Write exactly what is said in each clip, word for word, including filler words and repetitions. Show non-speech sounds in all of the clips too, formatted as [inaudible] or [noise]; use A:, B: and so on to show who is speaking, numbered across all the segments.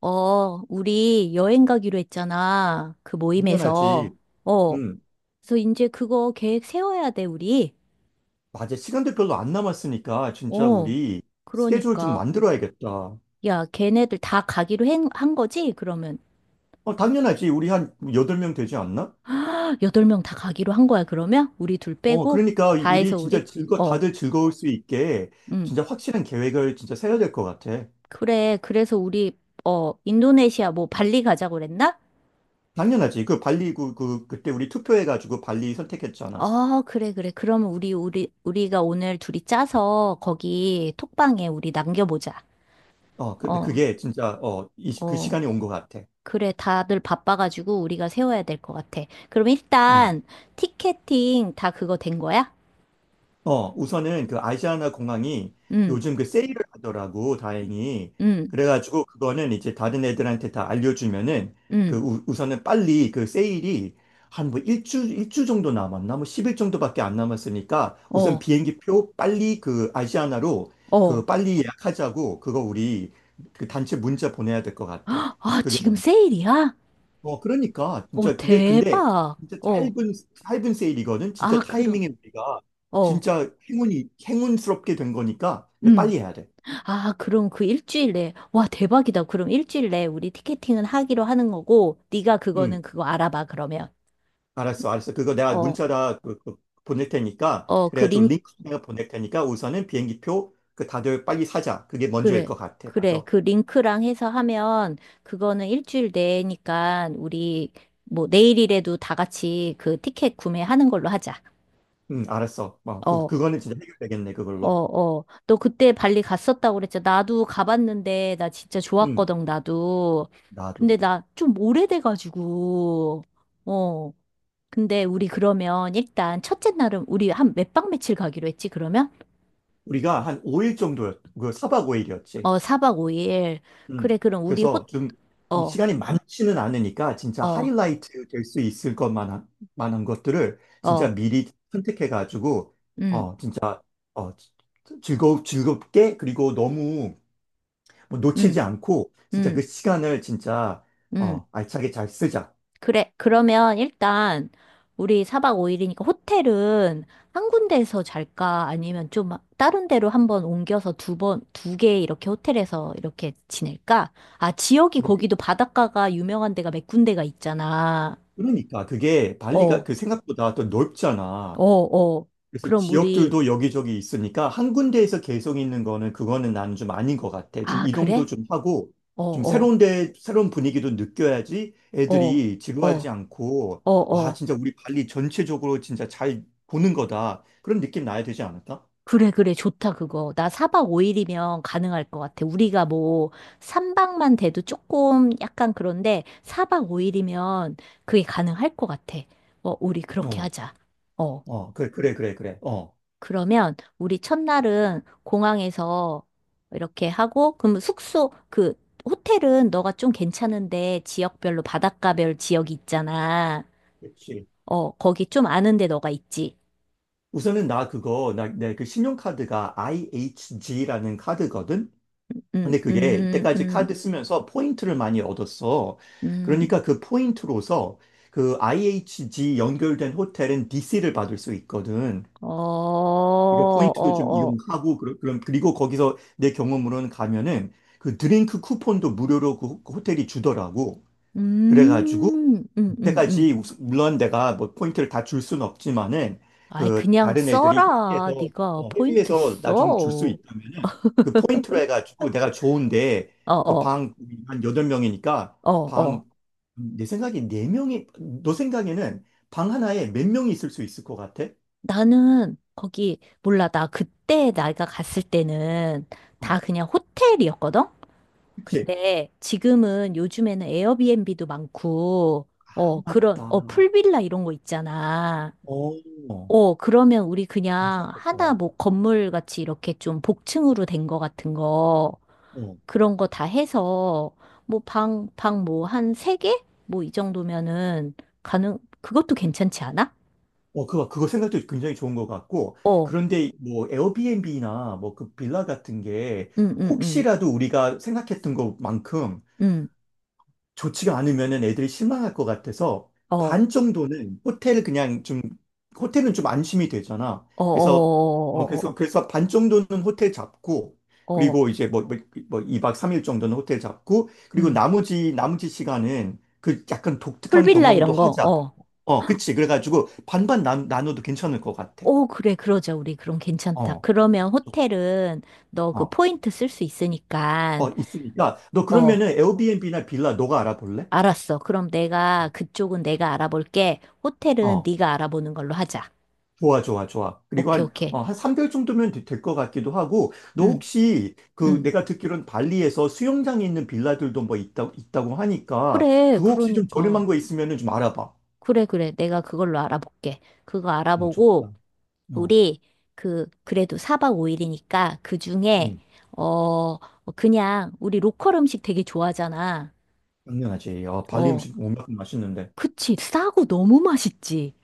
A: 어, 우리 여행 가기로 했잖아. 그 모임에서.
B: 당연하지.
A: 어,
B: 음,
A: 그래서 이제 그거 계획 세워야 돼, 우리.
B: 맞아. 시간도 별로 안 남았으니까 진짜
A: 어,
B: 우리 스케줄 좀
A: 그러니까.
B: 만들어야겠다.
A: 야, 걔네들 다 가기로 한, 한 거지? 그러면.
B: 어, 당연하지. 우리 한 여덟 명 되지 않나?
A: [gasps] 헉, 여덟 명 다 가기로 한 거야, 그러면? 우리 둘
B: 어,
A: 빼고?
B: 그러니까 이-
A: 다
B: 우리
A: 해서
B: 진짜
A: 우리?
B: 즐거,
A: 어,
B: 다들 즐거울 수 있게
A: 응.
B: 진짜 확실한 계획을 진짜 세워야 될 것 같아.
A: 그래, 그래서 우리, 어, 인도네시아 뭐 발리 가자고 그랬나?
B: 당연하지. 그 발리, 그, 그, 그때 우리 투표해가지고 발리 선택했잖아.
A: 어, 그래, 그래. 그러면 우리, 우리, 우리가 오늘 둘이 짜서 거기 톡방에 우리 남겨보자.
B: 어, 근데
A: 어,
B: 그게 진짜, 어, 이, 시- 그
A: 어.
B: 시간이 온 것 같아.
A: 그래, 다들 바빠가지고 우리가 세워야 될 것 같아. 그럼
B: 음.
A: 일단 티켓팅 다 그거 된 거야?
B: 어, 우선은 그 아시아나 공항이
A: 응,
B: 요즘 그 세일을 하더라고, 다행히.
A: 응,
B: 그래가지고 그거는 이제 다른 애들한테 다 알려주면은 그
A: 응.
B: 우, 우선은 빨리 그 세일이 한 뭐 일주, 일주 정도 남았나? 뭐 십 일 정도밖에 안 남았으니까 우선
A: 어,
B: 비행기표 빨리 그 아시아나로 그
A: 어.
B: 빨리 예약하자고 그거 우리 그 단체 문자 보내야 될 것 같아.
A: 아,
B: 그게
A: 지금
B: 먼저.
A: 세일이야?
B: 어, 그러니까
A: 오
B: 진짜 그게 근데
A: 대박.
B: 진짜
A: 어.
B: 짧은 짧은 세일이거든.
A: 아,
B: 진짜
A: 그럼,
B: 타이밍에 우리가
A: 어.
B: 진짜 행운이 행운스럽게 된 거니까 근데
A: 음.
B: 빨리 해야 돼.
A: 아, 그럼 그 일주일 내에, 와, 대박이다. 그럼 일주일 내에 우리 티켓팅은 하기로 하는 거고, 네가
B: 응,
A: 그거는 그거 알아봐, 그러면.
B: 알았어, 알았어. 그거 내가
A: 어,
B: 문자다 그, 그 보낼 테니까
A: 어,
B: 그래가지고
A: 그링
B: 링크 내가 보낼 테니까 우선은 비행기표 그 다들 빨리 사자. 그게 먼저일
A: 그래,
B: 것 같아.
A: 그래.
B: 맞아.
A: 그 링크랑 해서 하면 그거는 일주일 내니까 우리 뭐 내일이라도 다 같이 그 티켓 구매하는 걸로 하자.
B: 응, 알았어. 어, 그
A: 어,
B: 그거는 진짜 해결되겠네
A: 어,
B: 그걸로.
A: 어. 너 그때 발리 갔었다고 그랬잖아. 나도 가봤는데 나 진짜
B: 응,
A: 좋았거든, 나도.
B: 나도.
A: 근데 나 좀 오래돼가지고. 어. 근데 우리 그러면 일단 첫째 날은 우리 한 몇 박 며칠 가기로 했지, 그러면?
B: 우리가 한 오 일 정도였, 그 사박 오 일이었지.
A: 어, 사 박 오 일. 그래,
B: 음.
A: 그럼 우리 호,
B: 그래서 좀
A: 어,
B: 시간이 많지는 않으니까 진짜
A: 어,
B: 하이라이트 될 수 있을 것만 한, 만한 것들을 진짜
A: 어.
B: 미리 선택해 가지고
A: 음.
B: 어 진짜 어 즐거 즐겁게 그리고 너무 뭐 놓치지
A: 음.
B: 않고 진짜 그
A: 음,
B: 시간을 진짜
A: 음.
B: 어 알차게 잘 쓰자.
A: 그래. 그러면 일단 우리 사 박 오 일이니까 호텔은 한 군데에서 잘까? 아니면 좀 다른 데로 한번 옮겨서 두 번, 두 개 이렇게 호텔에서 이렇게 지낼까? 아, 지역이
B: 근데 그-
A: 거기도 바닷가가 유명한 데가 몇 군데가 있잖아.
B: 그러니까 그게 발리가
A: 어,
B: 그 생각보다 또 넓잖아.
A: 어, 어.
B: 그래서
A: 그럼 우리,
B: 지역들도 여기저기 있으니까 한 군데에서 계속 있는 거는 그거는 나는 좀 아닌 것 같아. 좀
A: 아,
B: 이동도
A: 그래?
B: 좀 하고
A: 어,
B: 좀
A: 어,
B: 새로운 데 새로운 분위기도 느껴야지
A: 어,
B: 애들이 지루하지
A: 어,
B: 않고
A: 어,
B: 와
A: 어.
B: 진짜 우리 발리 전체적으로 진짜 잘 보는 거다 그런 느낌 나야 되지 않을까?
A: 그래, 그래, 좋다, 그거. 나 사 박 오 일이면 가능할 것 같아. 우리가 뭐, 삼 박만 돼도 조금 약간 그런데, 사 박 오 일이면 그게 가능할 것 같아. 어, 우리 그렇게
B: 어,
A: 하자. 어,
B: 어, 그래, 그래, 그래, 그래. 어,
A: 그러면, 우리 첫날은 공항에서 이렇게 하고, 그럼 숙소, 그, 호텔은 너가 좀 괜찮은데, 지역별로 바닷가별 지역이 있잖아.
B: 그렇지.
A: 어, 거기 좀 아는데 너가 있지.
B: 우선은 나 그거 나 내 그 신용카드가 아이에이치지라는 카드거든.
A: 음,
B: 근데 그게
A: 음,
B: 이때까지 카드
A: 음,
B: 쓰면서 포인트를 많이 얻었어.
A: 음.
B: 그러니까 그 포인트로서 그 아이에이치지 연결된 호텔은 디씨를 받을 수 있거든.
A: 어,
B: 그러니까
A: 어,
B: 포인트도 좀
A: 어.
B: 이용하고 그러- 그럼 그리고 거기서 내 경험으로는 가면은 그 드링크 쿠폰도 무료로 그 호- 그 호텔이 주더라고. 그래가지고
A: 음, 음, 음, 음.
B: 그때까지 우스- 물론 내가 뭐 포인트를 다 줄 수는 없지만은
A: 아이,
B: 그
A: 그냥
B: 다른 애들이
A: 써라.
B: 회비에서
A: 네가
B: 어,
A: 포인트
B: 회비에서
A: 써.
B: 나 좀 줄 수
A: 어,
B: 있다면은 그 포인트로 해가지고 내가 좋은데 그
A: 어,
B: 방 한 여덟 명이니까
A: 어,
B: 방
A: 어.
B: 음, 내 생각에 네 명이 너 생각에는 방 하나에 몇 명이 있을 수 있을 것 같아?
A: 나는 거기, 몰라. 나 그때 내가 갔을 때는 다
B: 어,
A: 그냥 호텔이었거든?
B: 그치?
A: 근데 지금은 요즘에는 에어비앤비도 많고,
B: 아,
A: 어, 그런, 어,
B: 맞다.
A: 풀빌라 이런 거 있잖아.
B: 어,
A: 어, 그러면 우리 그냥 하나
B: 괜찮겠다.
A: 뭐 건물 같이 이렇게 좀 복층으로 된 거 같은 거.
B: 어,
A: 그런 거 다 해서 뭐 방, 방 뭐 한 세 개? 뭐 이 정도면은 가능, 그것도 괜찮지 않아?
B: 어, 그거, 그거 생각도 굉장히 좋은 것 같고,
A: 어,
B: 그런데 뭐 에어비앤비나 뭐 그 빌라 같은 게
A: 응, 응, 응,
B: 혹시라도 우리가 생각했던 것만큼
A: 응,
B: 좋지가 않으면은 애들이 실망할 것 같아서
A: 어, 어,
B: 반 정도는 호텔 그냥 좀 호텔은 좀 안심이 되잖아.
A: 어,
B: 그래서 어
A: 어, 어,
B: 그래서 그래서 반 정도는 호텔 잡고
A: 어, 어,
B: 그리고 이제 뭐 뭐 뭐 이 2박 삼 일 정도는 호텔 잡고 그리고
A: 응.
B: 나머지 나머지 시간은 그 약간 독특한
A: 풀빌라
B: 경험도
A: 이런 거,
B: 하자.
A: 어.
B: 어, 그치. 그래가지고 반반 나, 나눠도 괜찮을 것 같아.
A: 오, 그래, 그러자, 우리. 그럼 괜찮다.
B: 어.
A: 그러면 호텔은 너 그
B: 어.
A: 포인트 쓸 수 있으니까,
B: 어, 있으니까 너
A: 어,
B: 그러면은 에어비앤비나 빌라 너가 알아볼래?
A: 알았어. 그럼 내가, 그쪽은 내가 알아볼게. 호텔은
B: 어.
A: 네가 알아보는 걸로 하자.
B: 좋아, 좋아, 좋아. 그리고
A: 오케이,
B: 한,
A: 오케이.
B: 어, 한 삼 개월 정도면 될 것 같기도 하고, 너
A: 응,
B: 혹시 그
A: 응.
B: 내가 듣기로는 발리에서 수영장이 있는 빌라들도 뭐 있다, 있다고 하니까,
A: 그래,
B: 그거 혹시 좀
A: 그러니까.
B: 저렴한 거 있으면 좀 알아봐.
A: 그래, 그래. 내가 그걸로 알아볼게. 그거
B: 음,
A: 알아보고,
B: 좋다. 어,
A: 우리, 그, 그래도 사 박 오 일이니까, 그 중에,
B: 음,
A: 어, 그냥, 우리 로컬 음식 되게 좋아하잖아.
B: 당연하지. 아, 발리
A: 어,
B: 음식 워낙 맛있는데.
A: 그치. 싸고 너무 맛있지.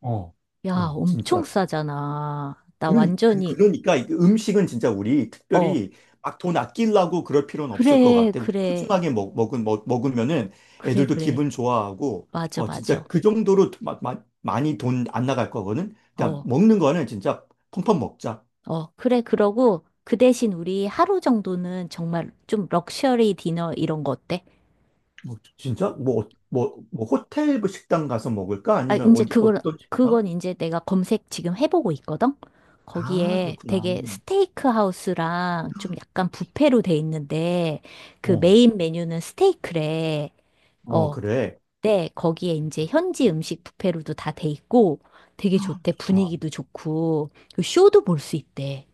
B: 어,
A: 야,
B: 어.
A: 엄청
B: 진짜.
A: 싸잖아. 나
B: 그러니, 그,
A: 완전히,
B: 그러니까 이게 음식은 진짜 우리
A: 어,
B: 특별히 막 돈 아끼려고 그럴 필요는 없을 것
A: 그래,
B: 같아. 우리
A: 그래,
B: 푸짐하게 먹, 먹은, 먹, 먹으면은
A: 그래,
B: 애들도
A: 그래.
B: 기분 좋아하고,
A: 맞아,
B: 어,
A: 맞아.
B: 진짜 그 정도로 마, 마, 많이 돈 안 나갈 거거든. 그냥
A: 어,
B: 먹는 거는 진짜 펑펑 먹자.
A: 어, 그래. 그러고, 그 대신 우리 하루 정도는 정말 좀 럭셔리 디너 이런 거 어때?
B: 뭐, 진짜? 뭐, 어, 뭐, 뭐 호텔 뭐 식당 가서 먹을까?
A: 아,
B: 아니면
A: 이제
B: 어디,
A: 그걸,
B: 어떤 식당?
A: 그건 이제 내가 검색 지금 해보고 있거든?
B: 아,
A: 거기에
B: 그렇구나.
A: 되게 스테이크 하우스랑 좀 약간 뷔페로 돼 있는데, 그
B: 어,
A: 메인 메뉴는 스테이크래.
B: 어,
A: 어,
B: 그래.
A: 네, 거기에 이제 현지 음식 뷔페로도 다 돼 있고, 되게 좋대.
B: 좋다.
A: 분위기도 좋고, 그 쇼도 볼 수 있대.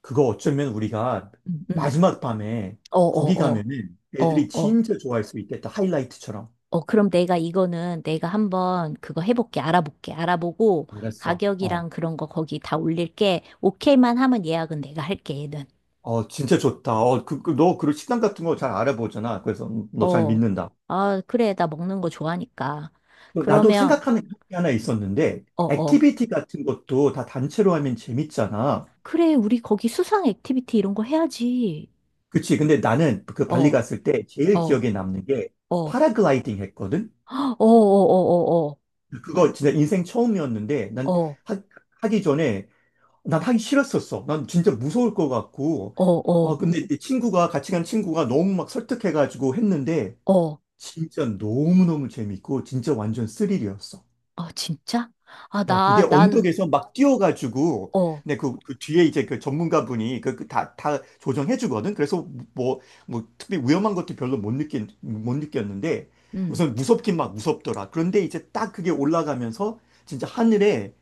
B: 그거 어쩌면 우리가
A: 응, 응.
B: 마지막 밤에
A: 어,
B: 거기
A: 어, 어,
B: 가면은
A: 어,
B: 애들이
A: 어.
B: 진짜 좋아할 수 있겠다. 하이라이트처럼.
A: 어, 그럼 내가 이거는 내가 한번 그거 해볼게, 알아볼게, 알아보고
B: 그랬어. 어.
A: 가격이랑 그런 거 거기 다 올릴게. 오케이만 하면 예약은 내가 할게, 얘는.
B: 어, 진짜 좋다. 어, 그, 그, 너, 그 식당 같은 거 잘 알아보잖아. 그래서 음, 너잘
A: 어,
B: 믿는다.
A: 아, 그래, 나 먹는 거 좋아하니까.
B: 어, 나도
A: 그러면,
B: 생각하는 게 하나 있었는데,
A: 어, 어.
B: 액티비티 같은 것도 다 단체로 하면 재밌잖아.
A: 그래, 우리 거기 수상 액티비티 이런 거 해야지.
B: 그치. 근데 나는 그
A: 어,
B: 발리
A: 어,
B: 갔을 때 제일
A: 어,
B: 기억에 남는 게
A: 어,
B: 파라글라이딩 했거든?
A: 어, 어, 어, 어,
B: 그거 진짜 인생 처음이었는데,
A: 어,
B: 난
A: 어, 어,
B: 하, 하기 전에 난 하기 싫었었어. 난 진짜 무서울 것 같고.
A: 어.
B: 어, 근데 내 친구가, 같이 간 친구가 너무 막 설득해가지고 했는데,
A: 어. 어.
B: 진짜 너무너무 재밌고, 진짜 완전 스릴이었어.
A: 아, 진짜? 아,
B: 어, 그게
A: 나, 난,
B: 언덕에서 막 뛰어가지고,
A: 어,
B: 근데 그, 그 뒤에 이제 그 전문가분이 그, 그 다, 다 조정해주거든. 그래서 뭐, 뭐, 특별히 위험한 것도 별로 못 느낀, 못 느꼈는데,
A: 음.
B: 우선 무섭긴 막 무섭더라. 그런데 이제 딱 그게 올라가면서, 진짜 하늘에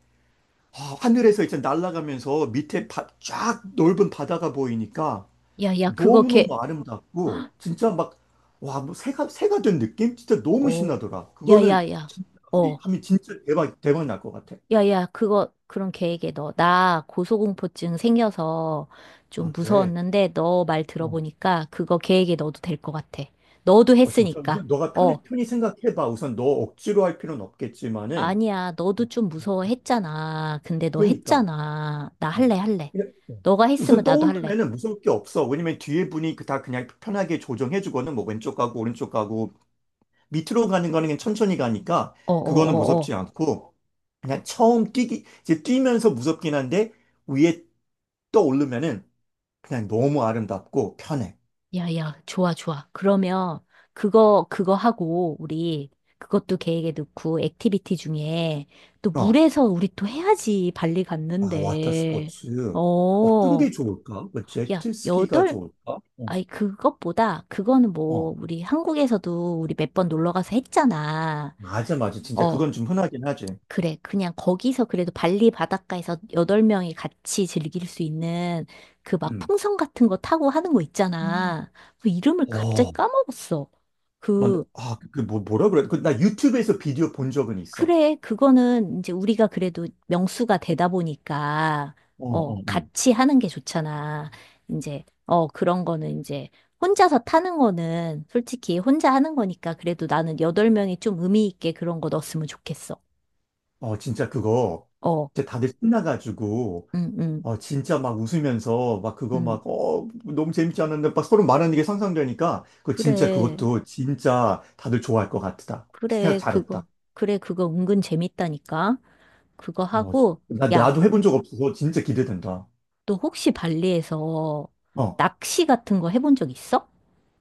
B: 아, 하늘에서 이제 날아가면서 밑에 바, 쫙 넓은 바다가 보이니까
A: 야, 야, 그거
B: 너무너무
A: 걔,
B: 아름답고 진짜 막 와, 뭐 새가 새가 된 느낌? 진짜 너무
A: 어,
B: 신나더라. 그거는
A: 야야야,
B: 진짜 우리
A: 어,
B: 하면 진짜 대박 대박 날 것 같아.
A: 야야, 그거, 그런 계획에 넣어. 나 고소공포증 생겨서 좀
B: 아, 그래.
A: 무서웠는데 너 말
B: 어.
A: 들어보니까 그거 계획에 넣어도 될 것 같아. 너도
B: 어, 진짜
A: 했으니까.
B: 우선 너가 편히
A: 어,
B: 편히 생각해 봐. 우선 너 억지로 할 필요는 없겠지만은
A: 아니야, 너도 좀 무서워했잖아. 근데 너
B: 그러니까.
A: 했잖아. 나
B: 어.
A: 할래, 할래.
B: 예, 어.
A: 너가
B: 우선
A: 했으면 나도 할래.
B: 떠오르면은 무서울 게 없어. 왜냐면 뒤에 분이 그 다 그냥 편하게 조정해 주거든. 뭐 왼쪽 가고 오른쪽 가고 밑으로 가는 거는 그냥 천천히 가니까 그거는
A: 어어어어.
B: 무섭지 않고 그냥 처음 뛰기 이제 뛰면서 무섭긴 한데 위에 떠오르면은 그냥 너무 아름답고 편해.
A: 야, 야, 좋아, 좋아. 그러면 그거, 그거 하고, 우리 그것도 계획에 넣고, 액티비티 중에 또
B: 어.
A: 물에서 우리 또 해야지, 발리
B: 아, 와터
A: 갔는데.
B: 스포츠. 어떤
A: 어,
B: 게 좋을까? 뭐
A: 야,
B: 제트스키가
A: 여덟,
B: 좋을까? 어.
A: 아니, 그것보다, 그거는 뭐,
B: 어.
A: 우리 한국에서도 우리 몇 번 놀러 가서 했잖아.
B: 맞아, 맞아. 진짜
A: 어,
B: 그건 좀 흔하긴 하지.
A: 그래, 그냥 거기서 그래도 발리 바닷가에서 여덟 명이 같이 즐길 수 있는 그 막
B: 음.
A: 풍선 같은 거 타고 하는 거 있잖아. 그 이름을 갑자기
B: 어.
A: 까먹었어.
B: 뭔
A: 그,
B: 아, 그 뭐, 뭐라 그래? 그, 나 유튜브에서 비디오 본 적은 있어.
A: 그래, 그거는 이제 우리가 그래도 명수가 되다 보니까,
B: 어,
A: 어,
B: 어,
A: 같이 하는 게 좋잖아. 이제, 어, 그런 거는 이제 혼자서 타는 거는 솔직히 혼자 하는 거니까 그래도 나는 여덟 명이 좀 의미 있게 그런 거 넣었으면 좋겠어.
B: 어. 어, 진짜 그거.
A: 어,
B: 진짜 다들 신나가지고
A: 응, 응,
B: 어, 진짜 막 웃으면서 막 그거
A: 응.
B: 막, 어, 너무 재밌지 않았는데 막 서로 말하는 게 상상되니까 그 진짜
A: 그래.
B: 그것도 진짜 다들 좋아할 것 같다. 생각
A: 그래,
B: 잘했다.
A: 그거. 그래, 그거 은근 재밌다니까. 그거
B: 어,
A: 하고,
B: 나,
A: 야,
B: 나도 해본 적 없어서 진짜 기대된다.
A: 너 혹시 발리에서
B: 어,
A: 낚시 같은 거 해본 적 있어?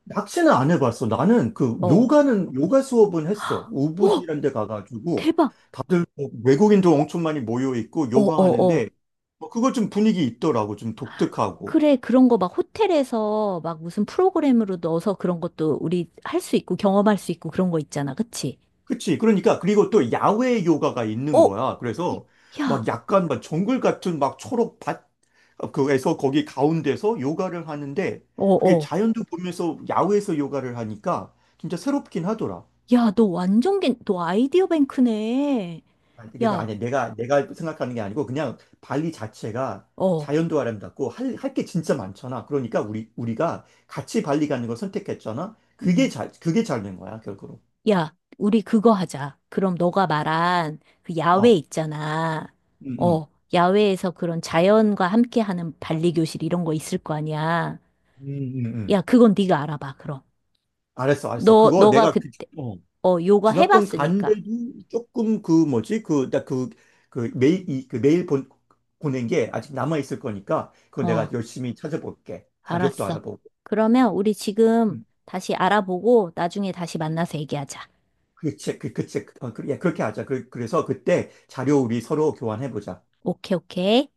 B: 낚시는 안 해봤어. 나는 그
A: 어.
B: 요가는, 요가 수업은 했어.
A: 오,
B: 우부지란 데 가가지고
A: 대박.
B: 다들 뭐 외국인도 엄청 많이 모여 있고
A: 어,
B: 요가
A: 어, 어.
B: 하는데 뭐 그거 좀 분위기 있더라고. 좀 독특하고.
A: 그래, 그런 거 막 호텔에서 막 무슨 프로그램으로 넣어서 그런 것도 우리 할 수 있고 경험할 수 있고 그런 거 있잖아. 그치?
B: 그치. 그러니까, 그리고 또 야외 요가가 있는
A: 어,
B: 거야. 그래서 막
A: 야,
B: 약간 막 정글 같은 막 초록 밭, 어, 그에서 거기 가운데서 요가를 하는데
A: 어,
B: 그게
A: 어.
B: 자연도 보면서 야외에서 요가를 하니까 진짜 새롭긴 하더라.
A: 야, 너 완전 겐, 너 아이디어 뱅크네.
B: 아니, 근데
A: 야,
B: 아니, 내가, 내가 생각하는 게 아니고 그냥 발리 자체가
A: 어.
B: 자연도 아름답고 할, 할 게 진짜 많잖아. 그러니까 우리, 우리가 같이 발리 가는 걸 선택했잖아. 그게
A: 음.
B: 잘, 그게 잘 된 거야, 결국으로.
A: 야, 우리 그거 하자. 그럼 너가 말한 그 야외
B: 어,
A: 있잖아.
B: 음, 음,
A: 어, 야외에서 그런 자연과 함께하는 발리 교실 이런 거 있을 거 아니야.
B: 음, 음, 음.
A: 야, 그건 네가 알아봐. 그럼
B: 알았어, 알았어.
A: 너
B: 그거
A: 너가
B: 내가, 그-
A: 그때
B: 어.
A: 어 요가
B: 지난번
A: 해봤으니까.
B: 간데도 조금 그 뭐지 그나그그 메일 이, 그 메일 본 보낸 게 아직 남아 있을 거니까 그거 내가
A: 어,
B: 열심히 찾아볼게 가격도
A: 알았어.
B: 알아보고
A: 그러면 우리 지금
B: 음,
A: 다시 알아보고 나중에 다시 만나서 얘기하자.
B: 그책 그 그책 어, 그, 예, 그렇게 하자 그, 그래서 그때 자료 우리 서로 교환해 보자.
A: 오케이, 오케이.